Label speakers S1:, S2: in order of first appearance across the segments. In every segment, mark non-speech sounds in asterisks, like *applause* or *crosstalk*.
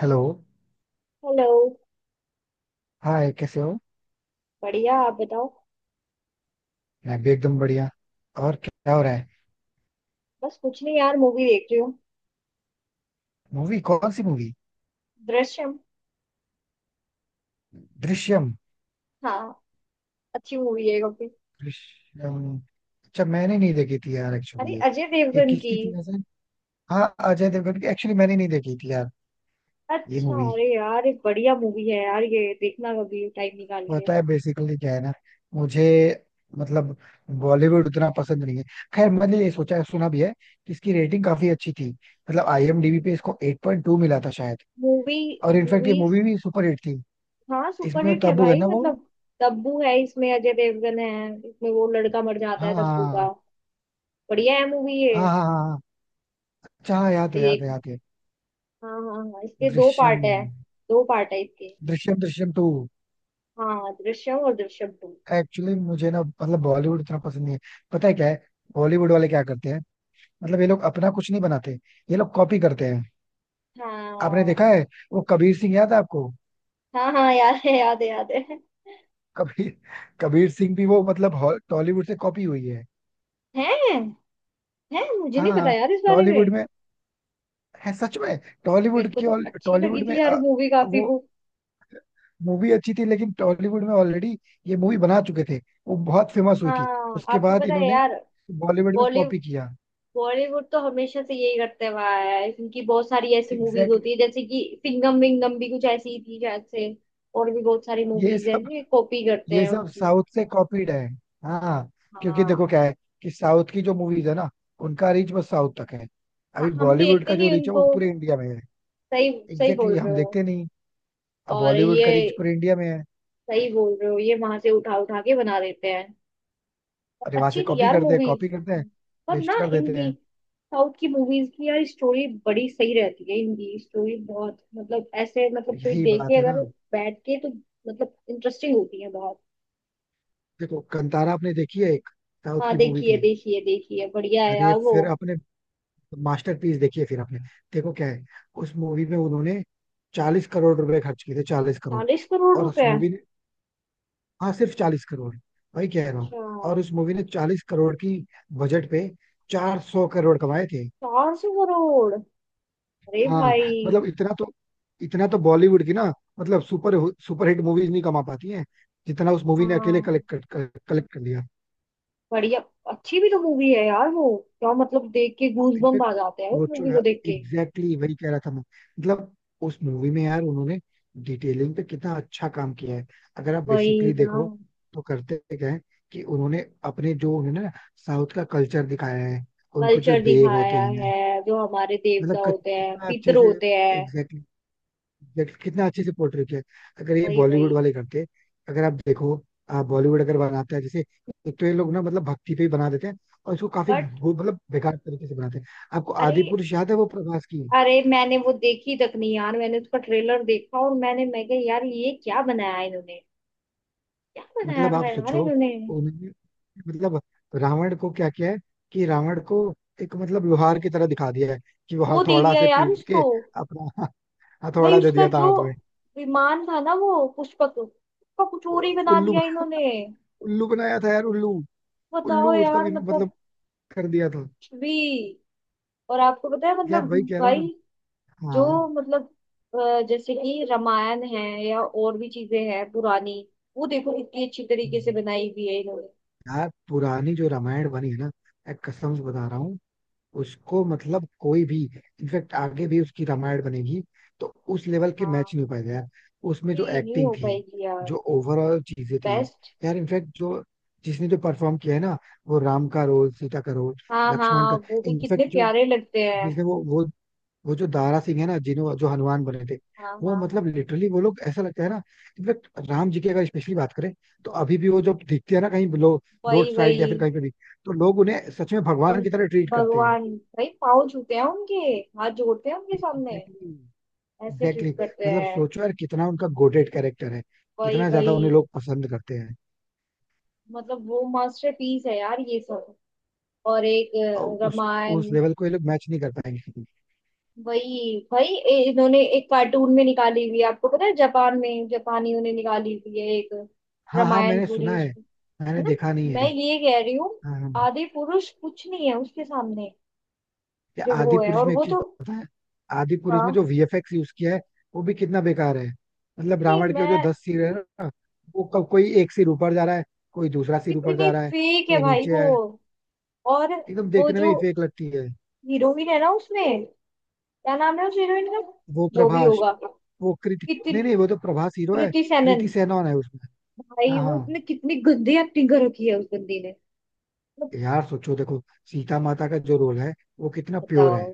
S1: Hello.
S2: Hello.
S1: Hi, कैसे हो?
S2: बढ़िया, आप बताओ।
S1: मैं भी एकदम बढ़िया। और क्या हो रहा है?
S2: बस कुछ नहीं यार, मूवी देख रही हूँ।
S1: मूवी? कौन सी मूवी?
S2: दृश्यम।
S1: दृश्यम?
S2: हाँ, अच्छी मूवी है काफी।
S1: दृश्यम? अच्छा, मैंने नहीं देखी थी यार, एक्चुअली
S2: अरे,
S1: ये
S2: अजय
S1: ये
S2: देवगन की।
S1: किसकी थी वैसे? हाँ, अजय देवगन की, एक्चुअली मैंने नहीं देखी थी यार, ये
S2: अच्छा,
S1: मूवी।
S2: अरे यार एक बढ़िया मूवी है यार, ये देखना कभी टाइम निकाल के।
S1: पता है, बेसिकली क्या है ना, मुझे, मतलब बॉलीवुड उतना पसंद नहीं है। खैर, मैंने ये सोचा सुना भी है कि इसकी रेटिंग काफी अच्छी थी, मतलब आईएमडीबी पे इसको 8.2 मिला था शायद।
S2: मूवी
S1: और इनफैक्ट ये
S2: मूवी
S1: मूवी भी सुपर हिट थी।
S2: हाँ,
S1: इसमें
S2: सुपरहिट है
S1: तब्बू है
S2: भाई,
S1: ना वो।
S2: मतलब तब्बू है इसमें, अजय देवगन है इसमें, वो लड़का मर जाता है
S1: हाँ हाँ
S2: तब्बू का।
S1: हाँ।
S2: बढ़िया है मूवी ये।
S1: हाँ हाँ हाँ हाँ। अच्छा, हाँ, याद है,
S2: अभी
S1: याद
S2: एक।
S1: है, याद है।
S2: हाँ हाँ हाँ, इसके दो
S1: दृश्यम,
S2: पार्ट है। दो पार्ट है इसके।
S1: दृश्यम, दृश्यम टू।
S2: हाँ, दृश्यम और दृश्यम 2।
S1: एक्चुअली मुझे ना, मतलब बॉलीवुड इतना पसंद नहीं है। पता है क्या है? बॉलीवुड वाले क्या करते हैं? मतलब ये लोग अपना कुछ नहीं बनाते। ये लोग कॉपी करते हैं। आपने
S2: हाँ
S1: देखा है वो कबीर सिंह, याद है आपको?
S2: हाँ हाँ, याद है याद है याद है।
S1: कबीर कबीर सिंह भी वो मतलब टॉलीवुड से कॉपी हुई है।
S2: हैं हैं, मुझे
S1: हाँ
S2: नहीं पता
S1: हाँ,
S2: यार इस बारे
S1: टॉलीवुड
S2: में।
S1: में है सच में।
S2: मेरे
S1: टॉलीवुड
S2: को
S1: की
S2: तो अच्छी लगी
S1: टॉलीवुड में,
S2: थी यार मूवी काफी
S1: वो
S2: वो।
S1: मूवी अच्छी थी, लेकिन टॉलीवुड में ऑलरेडी ये मूवी बना चुके थे। वो बहुत फेमस हुई थी।
S2: हाँ,
S1: उसके
S2: आपको
S1: बाद
S2: पता है
S1: इन्होंने
S2: यार।
S1: बॉलीवुड में
S2: बॉलीवुड
S1: कॉपी किया।
S2: बॉलीवुड तो हमेशा से यही करते हुआ आया है। इनकी बहुत सारी ऐसी मूवीज
S1: एग्जैक्टली
S2: होती
S1: exactly।
S2: है, जैसे कि सिंघम विंगम भी कुछ ऐसी ही थी शायद से। और भी बहुत सारी
S1: ये
S2: मूवीज है
S1: सब
S2: जो कॉपी करते
S1: ये
S2: हैं
S1: सब
S2: उनकी।
S1: साउथ से कॉपीड है। हाँ। क्योंकि
S2: हाँ
S1: देखो क्या है कि साउथ की जो मूवीज है ना, उनका रीच बस साउथ तक है। अभी
S2: हाँ, हम
S1: बॉलीवुड
S2: देखते
S1: का जो
S2: नहीं
S1: रीच है,
S2: उनको।
S1: वो पूरे इंडिया में है।
S2: सही। सही
S1: एग्जैक्टली
S2: बोल
S1: exactly,
S2: रहे
S1: हम
S2: हो।
S1: देखते नहीं। अब
S2: और
S1: बॉलीवुड
S2: ये
S1: का रीच पूरे इंडिया में है।
S2: सही बोल रहे हो, ये वहां से उठा उठा के बना देते हैं।
S1: अरे, वहां
S2: अच्छी
S1: से
S2: थी
S1: कॉपी
S2: यार
S1: करते हैं,
S2: मूवीज
S1: कॉपी करते हैं,
S2: पर ना
S1: पेस्ट कर देते
S2: इनकी।
S1: हैं।
S2: साउथ की मूवीज की यार स्टोरी बड़ी सही रहती है, इनकी स्टोरी बहुत मतलब ऐसे मतलब कोई
S1: यही बात
S2: देखे
S1: है ना।
S2: अगर बैठ के तो, मतलब इंटरेस्टिंग होती है बहुत।
S1: देखो, कंतारा आपने देखी है? एक साउथ
S2: हाँ,
S1: की मूवी
S2: देखिए
S1: थी।
S2: देखिए देखिए, बढ़िया है
S1: अरे,
S2: यार वो।
S1: फिर अपने मास्टरपीस देखिए फिर आपने। देखो क्या है, उस मूवी में उन्होंने 40 करोड़ रुपए खर्च किए थे, 40 करोड़।
S2: चालीस करोड़
S1: और उस
S2: रुपए
S1: मूवी ने, हाँ सिर्फ 40 करोड़, वही कह रहा हूँ।
S2: अच्छा।
S1: और उस मूवी ने 40 करोड़ की बजट पे 400 करोड़ कमाए थे।
S2: 400 करोड़। अरे
S1: हाँ।
S2: भाई।
S1: मतलब इतना तो बॉलीवुड की ना, मतलब सुपरहिट मूवीज नहीं कमा पाती हैं जितना उस मूवी ने अकेले
S2: हाँ।
S1: कलेक्ट कलेक्ट कर लिया।
S2: बढ़िया। अच्छी भी तो मूवी है यार वो। क्या मतलब, देख के गूज बम्प
S1: इनफैक्ट
S2: आ जाते हैं उस
S1: सोचो
S2: मूवी को
S1: यार,
S2: देख के।
S1: एग्जैक्टली exactly वही कह रहा था मैं, मतलब उस मूवी में यार उन्होंने डिटेलिंग पे कितना अच्छा काम किया है। अगर आप
S2: वही
S1: बेसिकली
S2: ना।
S1: देखो तो करते क्या है कि उन्होंने अपने जो उन्होंने ना साउथ का कल्चर दिखाया है, उनको जो
S2: कल्चर
S1: देव होते
S2: दिखाया
S1: हैं,
S2: है, जो हमारे
S1: मतलब
S2: देवता होते हैं
S1: कितना अच्छे
S2: पितर
S1: से,
S2: होते हैं।
S1: एग्जैक्टली, देख कितना अच्छे से पोर्ट्रे किया है। अगर ये
S2: वही वही।
S1: बॉलीवुड वाले करते, अगर आप देखो, बॉलीवुड अगर बनाता है जैसे, एक तो ये लोग ना मतलब भक्ति पे ही बना देते हैं, और इसको काफी
S2: बट।
S1: मतलब बेकार तरीके से बनाते हैं। आपको
S2: अरे।
S1: आदि पुरुष याद है वो प्रभास की?
S2: अरे, मैंने वो देखी तक नहीं यार। मैंने उसका ट्रेलर देखा और मैंने मैं कहा यार ये क्या बनाया इन्होंने। क्या बनाया
S1: मतलब आप
S2: है यार
S1: सोचो,
S2: इन्होंने।
S1: उन्होंने मतलब रावण को क्या किया है कि रावण को एक मतलब लोहार की तरह दिखा दिया है कि वो
S2: वो दे
S1: हथौड़ा
S2: दिया
S1: से
S2: यार
S1: पीट
S2: उसको।
S1: के अपना *laughs*
S2: भाई
S1: हथौड़ा दे
S2: उसका
S1: दिया था
S2: जो
S1: हाथ में।
S2: विमान था ना वो पुष्पक, उसका कुछ और ही बना
S1: उल्लू,
S2: दिया इन्होंने।
S1: उल्लू बनाया था यार, उल्लू,
S2: बताओ
S1: उल्लू उसका
S2: यार,
S1: भी मतलब
S2: मतलब
S1: कर दिया था।
S2: कुछ भी। और आपको पता है
S1: यार
S2: मतलब
S1: वही कह रहा
S2: भाई।
S1: हूँ ना। हाँ।
S2: जो मतलब जैसे कि रामायण है, या और भी चीजें हैं पुरानी, वो देखो कितनी अच्छी तरीके से बनाई हुई है इन्होंने।
S1: यार, पुरानी जो रामायण बनी है ना, मैं कसम से बता रहा हूँ, उसको मतलब कोई भी, इनफेक्ट आगे भी उसकी रामायण बनेगी, तो उस लेवल के
S2: हाँ।
S1: मैच नहीं हो पाएगा यार। उसमें जो
S2: ये नहीं
S1: एक्टिंग
S2: हो
S1: थी,
S2: पाएगी यार।
S1: जो ओवरऑल चीजें थी,
S2: बेस्ट।
S1: यार, इनफैक्ट जो, जिसने जो परफॉर्म किया है ना, वो राम का रोल, सीता का रोल,
S2: हाँ
S1: लक्ष्मण
S2: हाँ,
S1: का,
S2: वो भी कितने
S1: इनफैक्ट जो,
S2: प्यारे लगते हैं।
S1: जिसने वो जो दारा सिंह है ना, जिन्हों जो हनुमान बने थे,
S2: हाँ
S1: वो
S2: हाँ
S1: मतलब लिटरली वो लोग ऐसा लगता है ना। इनफेक्ट राम जी की अगर स्पेशली बात करें, तो
S2: हाँ।
S1: अभी भी वो जब दिखते हैं ना कहीं, लोग, रोड
S2: वही
S1: साइड या फिर
S2: वही।
S1: कहीं पे भी, तो लोग उन्हें सच में
S2: और
S1: भगवान की तरह ट्रीट करते हैं।
S2: भगवान भाई पाँव छूते हैं उनके, हाथ जोड़ते हैं उनके सामने,
S1: एग्जैक्टली।
S2: ऐसे
S1: एग्जैक्टली,
S2: ट्रीट करते
S1: मतलब
S2: हैं।
S1: सोचो यार कितना उनका गोटेड कैरेक्टर है,
S2: वही
S1: कितना ज्यादा
S2: वही।
S1: उन्हें लोग पसंद करते हैं।
S2: मतलब वो मास्टरपीस है यार ये सब। और एक
S1: और उस
S2: रामायण।
S1: उस लेवल को ये लोग मैच नहीं कर पाएंगे।
S2: वही भाई इन्होंने एक कार्टून में निकाली हुई है, आपको पता है जापान में, जापानियों ने निकाली हुई है एक
S1: हाँ हाँ,
S2: रामायण
S1: मैंने
S2: पूरी
S1: सुना है,
S2: उसमें। है
S1: मैंने
S2: ना।
S1: देखा नहीं है।
S2: मैं ये कह रही हूँ,
S1: हाँ हाँ।
S2: आदि पुरुष कुछ नहीं है उसके सामने।
S1: या
S2: जो वो
S1: आदि
S2: है
S1: पुरुष
S2: और
S1: में एक
S2: वो
S1: चीज
S2: तो।
S1: पता है, आदि पुरुष में
S2: हाँ।
S1: जो वीएफएक्स यूज किया है, वो भी कितना बेकार है। मतलब
S2: कितनी
S1: रावण के जो
S2: मैं।
S1: 10 सिर है ना, कोई एक सिर ऊपर जा रहा है, कोई दूसरा सिर ऊपर
S2: कितनी
S1: जा रहा है,
S2: फेक है
S1: कोई
S2: भाई
S1: नीचे
S2: वो।
S1: है,
S2: और
S1: एकदम
S2: वो
S1: देखने में
S2: जो
S1: ही फेक लगती है।
S2: हीरोइन है ना उसमें, क्या नाम है उस हीरोइन का।
S1: वो
S2: जो भी
S1: प्रभास,
S2: होगा।
S1: वो कृति,
S2: कितनी।
S1: नहीं नहीं, वो तो प्रभास हीरो है,
S2: कृति
S1: कृति
S2: सेनन।
S1: सेनन है उसमें।
S2: भाई
S1: हाँ
S2: वो
S1: हाँ।
S2: इतने, कितनी गंदी एक्टिंग कर रखी है उस बंदी ने। मतलब।
S1: यार सोचो, देखो, सीता माता का जो रोल है, वो कितना प्योर
S2: बताओ।
S1: है,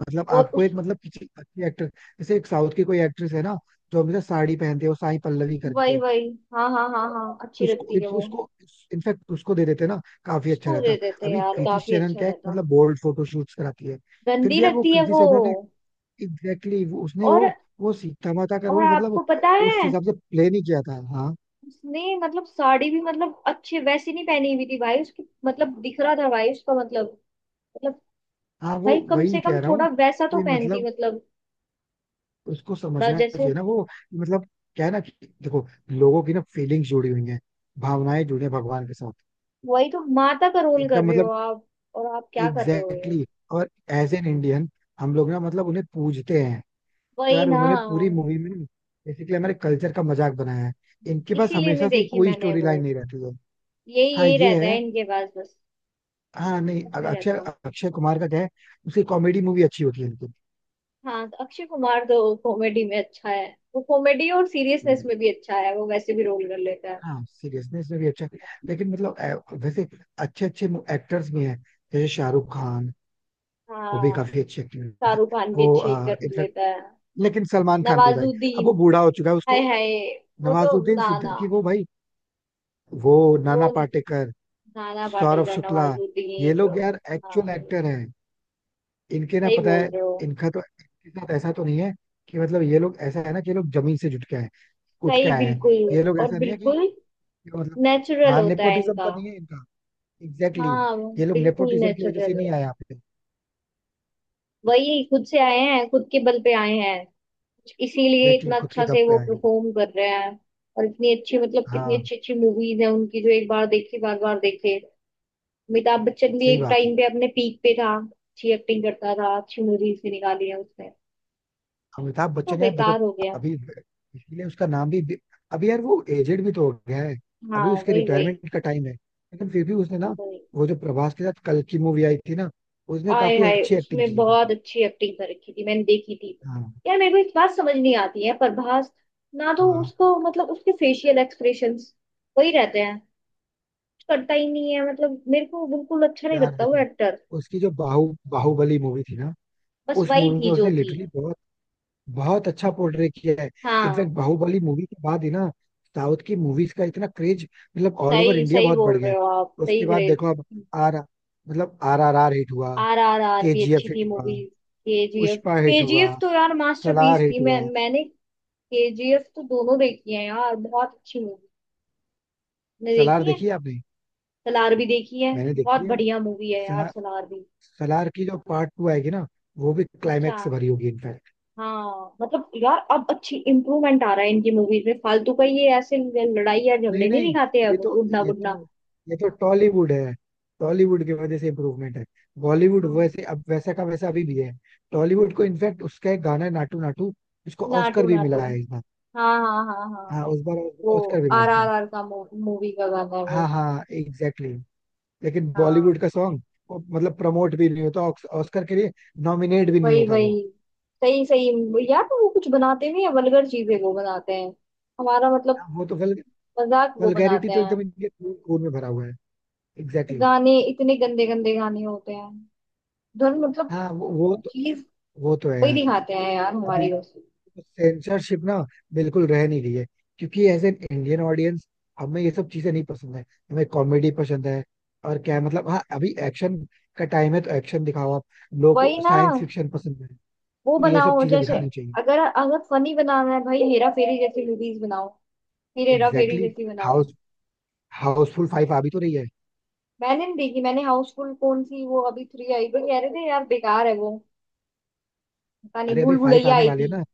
S1: मतलब
S2: वो
S1: आपको एक
S2: उस।
S1: मतलब किसी अच्छी एक्टर, जैसे एक साउथ की कोई एक्ट्रेस है ना, जो हमेशा साड़ी पहनते हो, साई पल्लवी करके
S2: वही
S1: हो,
S2: वही। हाँ हाँ हाँ हाँ, अच्छी
S1: उसको
S2: लगती है वो।
S1: उसको, इनफैक्ट उसको दे देते ना, काफी अच्छा
S2: उसको दे
S1: रहता।
S2: देते
S1: अभी
S2: यार
S1: कृति
S2: काफी
S1: शेनन
S2: अच्छा
S1: क्या है,
S2: रहता।
S1: मतलब बोल्ड फोटो शूट्स कराती है। फिर
S2: गंदी
S1: भी यार वो
S2: लगती है
S1: कृति
S2: वो।
S1: सेनन ने, एग्जैक्टली exactly, उसने
S2: और।
S1: वो सीता माता का
S2: और
S1: रोल मतलब
S2: आपको पता
S1: उस
S2: है,
S1: हिसाब से प्ले नहीं किया था। हाँ।
S2: उसने मतलब साड़ी भी मतलब अच्छे वैसी नहीं पहनी हुई थी भाई उसकी, मतलब दिख रहा था भाई उसका मतलब, मतलब
S1: हाँ, वो
S2: भाई कम
S1: वही
S2: से कम
S1: कह रहा हूँ,
S2: थोड़ा वैसा तो
S1: कि
S2: पहनती
S1: मतलब
S2: मतलब,
S1: उसको
S2: थोड़ा
S1: समझना
S2: जैसे।
S1: चाहिए ना वो, मतलब क्या है ना कि देखो, लोगों की ना फीलिंग्स जुड़ी हुई हैं, भावनाएं जुड़ी हैं भगवान के साथ।
S2: वही तो माता का रोल कर
S1: एकदम
S2: रहे हो
S1: मतलब
S2: आप, और आप क्या कर रहे हो ये।
S1: एग्जैक्टली exactly, और एज एन इंडियन हम लोग ना मतलब उन्हें पूजते हैं, तो
S2: वही
S1: यार
S2: ना।
S1: उन्होंने पूरी मूवी में बेसिकली हमारे कल्चर का मजाक बनाया है। इनके पास
S2: इसीलिए नहीं
S1: हमेशा से
S2: देखी
S1: कोई
S2: मैंने
S1: स्टोरी
S2: वो,
S1: लाइन नहीं रहती है।
S2: यही
S1: हाँ
S2: यही
S1: ये
S2: रहता है
S1: है।
S2: इनके पास बस,
S1: हाँ नहीं,
S2: कुछ नहीं
S1: अक्षय
S2: रहता।
S1: अक्षय कुमार का क्या है, उसकी कॉमेडी मूवी अच्छी होती है इनकी।
S2: हाँ, तो अक्षय कुमार तो कॉमेडी में अच्छा है। वो कॉमेडी और सीरियसनेस
S1: हम्म।
S2: में भी अच्छा है, वो वैसे भी रोल कर लेता है।
S1: हाँ, सीरियसनेस में भी अच्छा, लेकिन मतलब वैसे अच्छे अच्छे एक्टर्स भी हैं, जैसे शाहरुख खान, वो भी
S2: हाँ।
S1: काफी अच्छे एक्टर थे,
S2: शाहरुख खान
S1: वो
S2: भी अच्छी कर
S1: इनफैक्ट,
S2: लेता है।
S1: लेकिन सलमान खान नहीं भाई, अब
S2: नवाजुद्दीन।
S1: वो बूढ़ा हो चुका है
S2: हाय
S1: उसको।
S2: हाय। वो तो
S1: नवाजुद्दीन
S2: ना ना,
S1: सिद्दीकी वो भाई, वो
S2: वो
S1: नाना पाटेकर,
S2: नाना
S1: सौरभ
S2: पाटेकर
S1: शुक्ला, ये
S2: नवाजुद्दीन।
S1: लोग यार
S2: हाँ।
S1: एक्चुअल एक्टर हैं। इनके ना,
S2: सही
S1: पता
S2: बोल
S1: है
S2: रहे हो।
S1: इनका तो, इनके साथ ऐसा तो नहीं है कि मतलब, ये लोग ऐसा है ना कि ये लोग जमीन से जुट के आए, उठ के
S2: सही।
S1: आए हैं।
S2: बिल्कुल।
S1: ये लोग
S2: और
S1: ऐसा नहीं है कि
S2: बिल्कुल
S1: कि मतलब,
S2: नेचुरल
S1: हाँ,
S2: होता है
S1: नेपोटिज्म
S2: इनका।
S1: का नहीं है इनका। Exactly exactly।
S2: हाँ,
S1: ये लोग
S2: बिल्कुल
S1: नेपोटिज्म की वजह से
S2: नेचुरल है।
S1: नहीं आए यहाँ पे।
S2: वही, खुद से आए हैं, खुद के बल पे आए हैं, इसीलिए
S1: एग्जैक्टली
S2: इतना
S1: exactly, खुद के
S2: अच्छा
S1: दम
S2: से
S1: पे
S2: वो
S1: आए हैं।
S2: परफॉर्म कर रहे हैं। और इतनी अच्छी, मतलब इतनी
S1: हाँ,
S2: अच्छी अच्छी मूवीज हैं उनकी, जो एक बार देखी बार बार देखे। अमिताभ बच्चन भी
S1: सही
S2: एक
S1: बात है।
S2: टाइम पे अपने पीक पे था, अच्छी एक्टिंग करता था, अच्छी मूवीज भी निकाली है उसने,
S1: अमिताभ
S2: तो
S1: बच्चन यार देखो,
S2: बेकार हो गया।
S1: अभी इसीलिए उसका नाम अभी यार वो एजेड भी तो हो गया है,
S2: हाँ
S1: अभी उसके
S2: वही वही
S1: रिटायरमेंट का टाइम है, लेकिन फिर भी उसने ना,
S2: वही।
S1: वो जो प्रभास के साथ कल की मूवी आई थी ना, उसमें
S2: आय
S1: काफी
S2: हाय,
S1: अच्छी एक्टिंग की
S2: उसमें
S1: है फिर
S2: बहुत
S1: भी।
S2: अच्छी एक्टिंग कर रखी थी, मैंने देखी थी।
S1: हाँ
S2: यार मेरे को एक बात समझ नहीं आती है प्रभास, ना तो
S1: हाँ।
S2: उसको मतलब उसके फेशियल एक्सप्रेशंस वही रहते हैं, कुछ करता ही नहीं है मतलब, मेरे को बिल्कुल अच्छा नहीं
S1: यार
S2: लगता वो
S1: देखो,
S2: एक्टर।
S1: उसकी जो बाहुबली मूवी थी ना,
S2: बस
S1: उस
S2: वही
S1: मूवी में
S2: थी जो
S1: उसने
S2: थी।
S1: लिटरली बहुत बहुत अच्छा पोर्ट्रे किया है।
S2: हाँ,
S1: इनफैक्ट बाहुबली मूवी के बाद ही ना साउथ की मूवीज का इतना क्रेज, मतलब ऑल ओवर
S2: सही
S1: इंडिया
S2: सही
S1: बहुत बढ़
S2: बोल
S1: गया
S2: रहे
S1: है।
S2: हो आप। सही
S1: उसके बाद
S2: ग्रेज।
S1: देखो अब, आर मतलब आर आर आर हिट हुआ,
S2: RRR भी अच्छी
S1: केजीएफ
S2: थी
S1: हिट हुआ,
S2: movie. KGF।
S1: Pushpa
S2: K
S1: hit
S2: G
S1: हुआ,
S2: एफ तो यार
S1: सलार
S2: मास्टरपीस
S1: हिट
S2: थी, मैं
S1: हुआ।
S2: मैंने KGF तो दोनों देखी है यार, बहुत अच्छी मूवी, मैंने
S1: सलार
S2: देखी है।
S1: देखी है आपने?
S2: सलार भी देखी है,
S1: मैंने
S2: बहुत
S1: देखी है।
S2: बढ़िया मूवी है यार
S1: सलार,
S2: सलार भी।
S1: सलार की जो पार्ट 2 आएगी ना, वो भी
S2: अच्छा।
S1: क्लाइमैक्स से भरी होगी इनफैक्ट।
S2: हाँ, मतलब यार अब अच्छी इम्प्रूवमेंट आ रहा है इनकी मूवीज में, फालतू का ये ऐसे लड़ाई या
S1: नहीं
S2: झगड़े नहीं
S1: नहीं,
S2: दिखाते
S1: ये
S2: अब,
S1: तो
S2: उड़ना
S1: ये
S2: बुड़ना।
S1: तो ये तो टॉलीवुड है। टॉलीवुड की वजह से इम्प्रूवमेंट है, बॉलीवुड
S2: हाँ।
S1: वैसे अब वैसा का वैसा अभी भी है। टॉलीवुड को, इनफैक्ट उसका एक गाना है नाटू नाटू, उसको
S2: नाटू
S1: ऑस्कर भी
S2: नाटू।
S1: मिला है इस बार।
S2: हाँ हाँ हाँ हाँ।
S1: हाँ, उस बार
S2: वो
S1: ऑस्कर भी मिला
S2: आर आर
S1: था।
S2: आर का मूवी का गाना है
S1: हाँ
S2: वो।
S1: हाँ एग्जैक्टली। लेकिन
S2: हाँ।
S1: बॉलीवुड का सॉन्ग मतलब प्रमोट भी नहीं होता ऑस्कर के लिए, नॉमिनेट भी नहीं
S2: वही
S1: होता
S2: वही।
S1: वो।
S2: सही सही यार, तो वो कुछ बनाते नहीं है, वल्गर चीजें वो बनाते हैं, हमारा मतलब
S1: हाँ, वो तो
S2: मजाक वो
S1: वल्गैरिटी
S2: बनाते
S1: तो
S2: हैं।
S1: एकदम इनके खून में भरा हुआ है। Exactly exactly।
S2: गाने इतने गंदे गंदे गाने होते हैं, धुन मतलब
S1: हाँ, वो वो तो
S2: चीज
S1: वो तो है
S2: वही
S1: यार।
S2: दिखाते हैं यार
S1: अभी
S2: हमारी बस।
S1: सेंसरशिप ना बिल्कुल रह नहीं रही है, क्योंकि एज एन इंडियन ऑडियंस हमें ये सब चीजें नहीं पसंद है। हमें कॉमेडी पसंद है, और क्या है, मतलब, हाँ, अभी एक्शन का टाइम है तो एक्शन दिखाओ आप, लोगों
S2: वही
S1: को
S2: ना।
S1: साइंस फिक्शन पसंद है,
S2: वो
S1: तो ये सब
S2: बनाओ
S1: चीजें
S2: जैसे,
S1: दिखानी चाहिए।
S2: अगर अगर फनी बनाना है भाई, हेरा फेरी जैसी मूवीज बनाओ, फिर हेरा फेरी
S1: एग्जैक्टली exactly,
S2: जैसी बनाओ।
S1: हाउसफुल फाइव आ भी तो रही है।
S2: मैंने नहीं देखी, मैंने हाउसफुल कौन सी वो अभी 3 आई पर कह रहे थे यार, बेकार है वो। पता नहीं
S1: अरे, अभी
S2: भूल
S1: 5
S2: भुलैया
S1: आने
S2: आई
S1: वाली है
S2: थी,
S1: ना।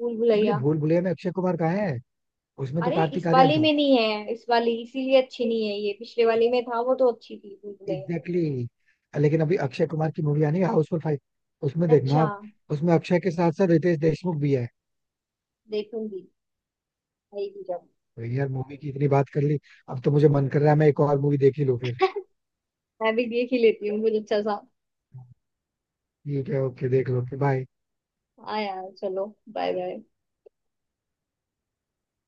S2: भूल
S1: अपने
S2: भुलैया।
S1: भूल भुलैया में अक्षय कुमार कहाँ है? उसमें तो
S2: अरे इस
S1: कार्तिक आर्यन
S2: वाली
S1: था।
S2: में नहीं है, इस वाली इसीलिए अच्छी नहीं है ये, पिछले वाली में था वो, तो अच्छी थी भूल भुलैया।
S1: Exactly exactly। लेकिन अभी अक्षय कुमार की मूवी आनी है, हाउसफुल 5, उसमें देखना
S2: अच्छा।
S1: आप, उसमें अक्षय के साथ साथ रितेश देशमुख भी है।
S2: देखूंगी आएगी जब।
S1: तो यार, मूवी की इतनी बात कर ली, अब तो मुझे मन कर रहा है मैं एक और मूवी देख ही लूँ फिर।
S2: मैं भी देख ही लेती हूँ मुझे अच्छा सा।
S1: ठीक है, ओके, देख लो फिर। बाय।
S2: हाँ यार चलो, बाय बाय।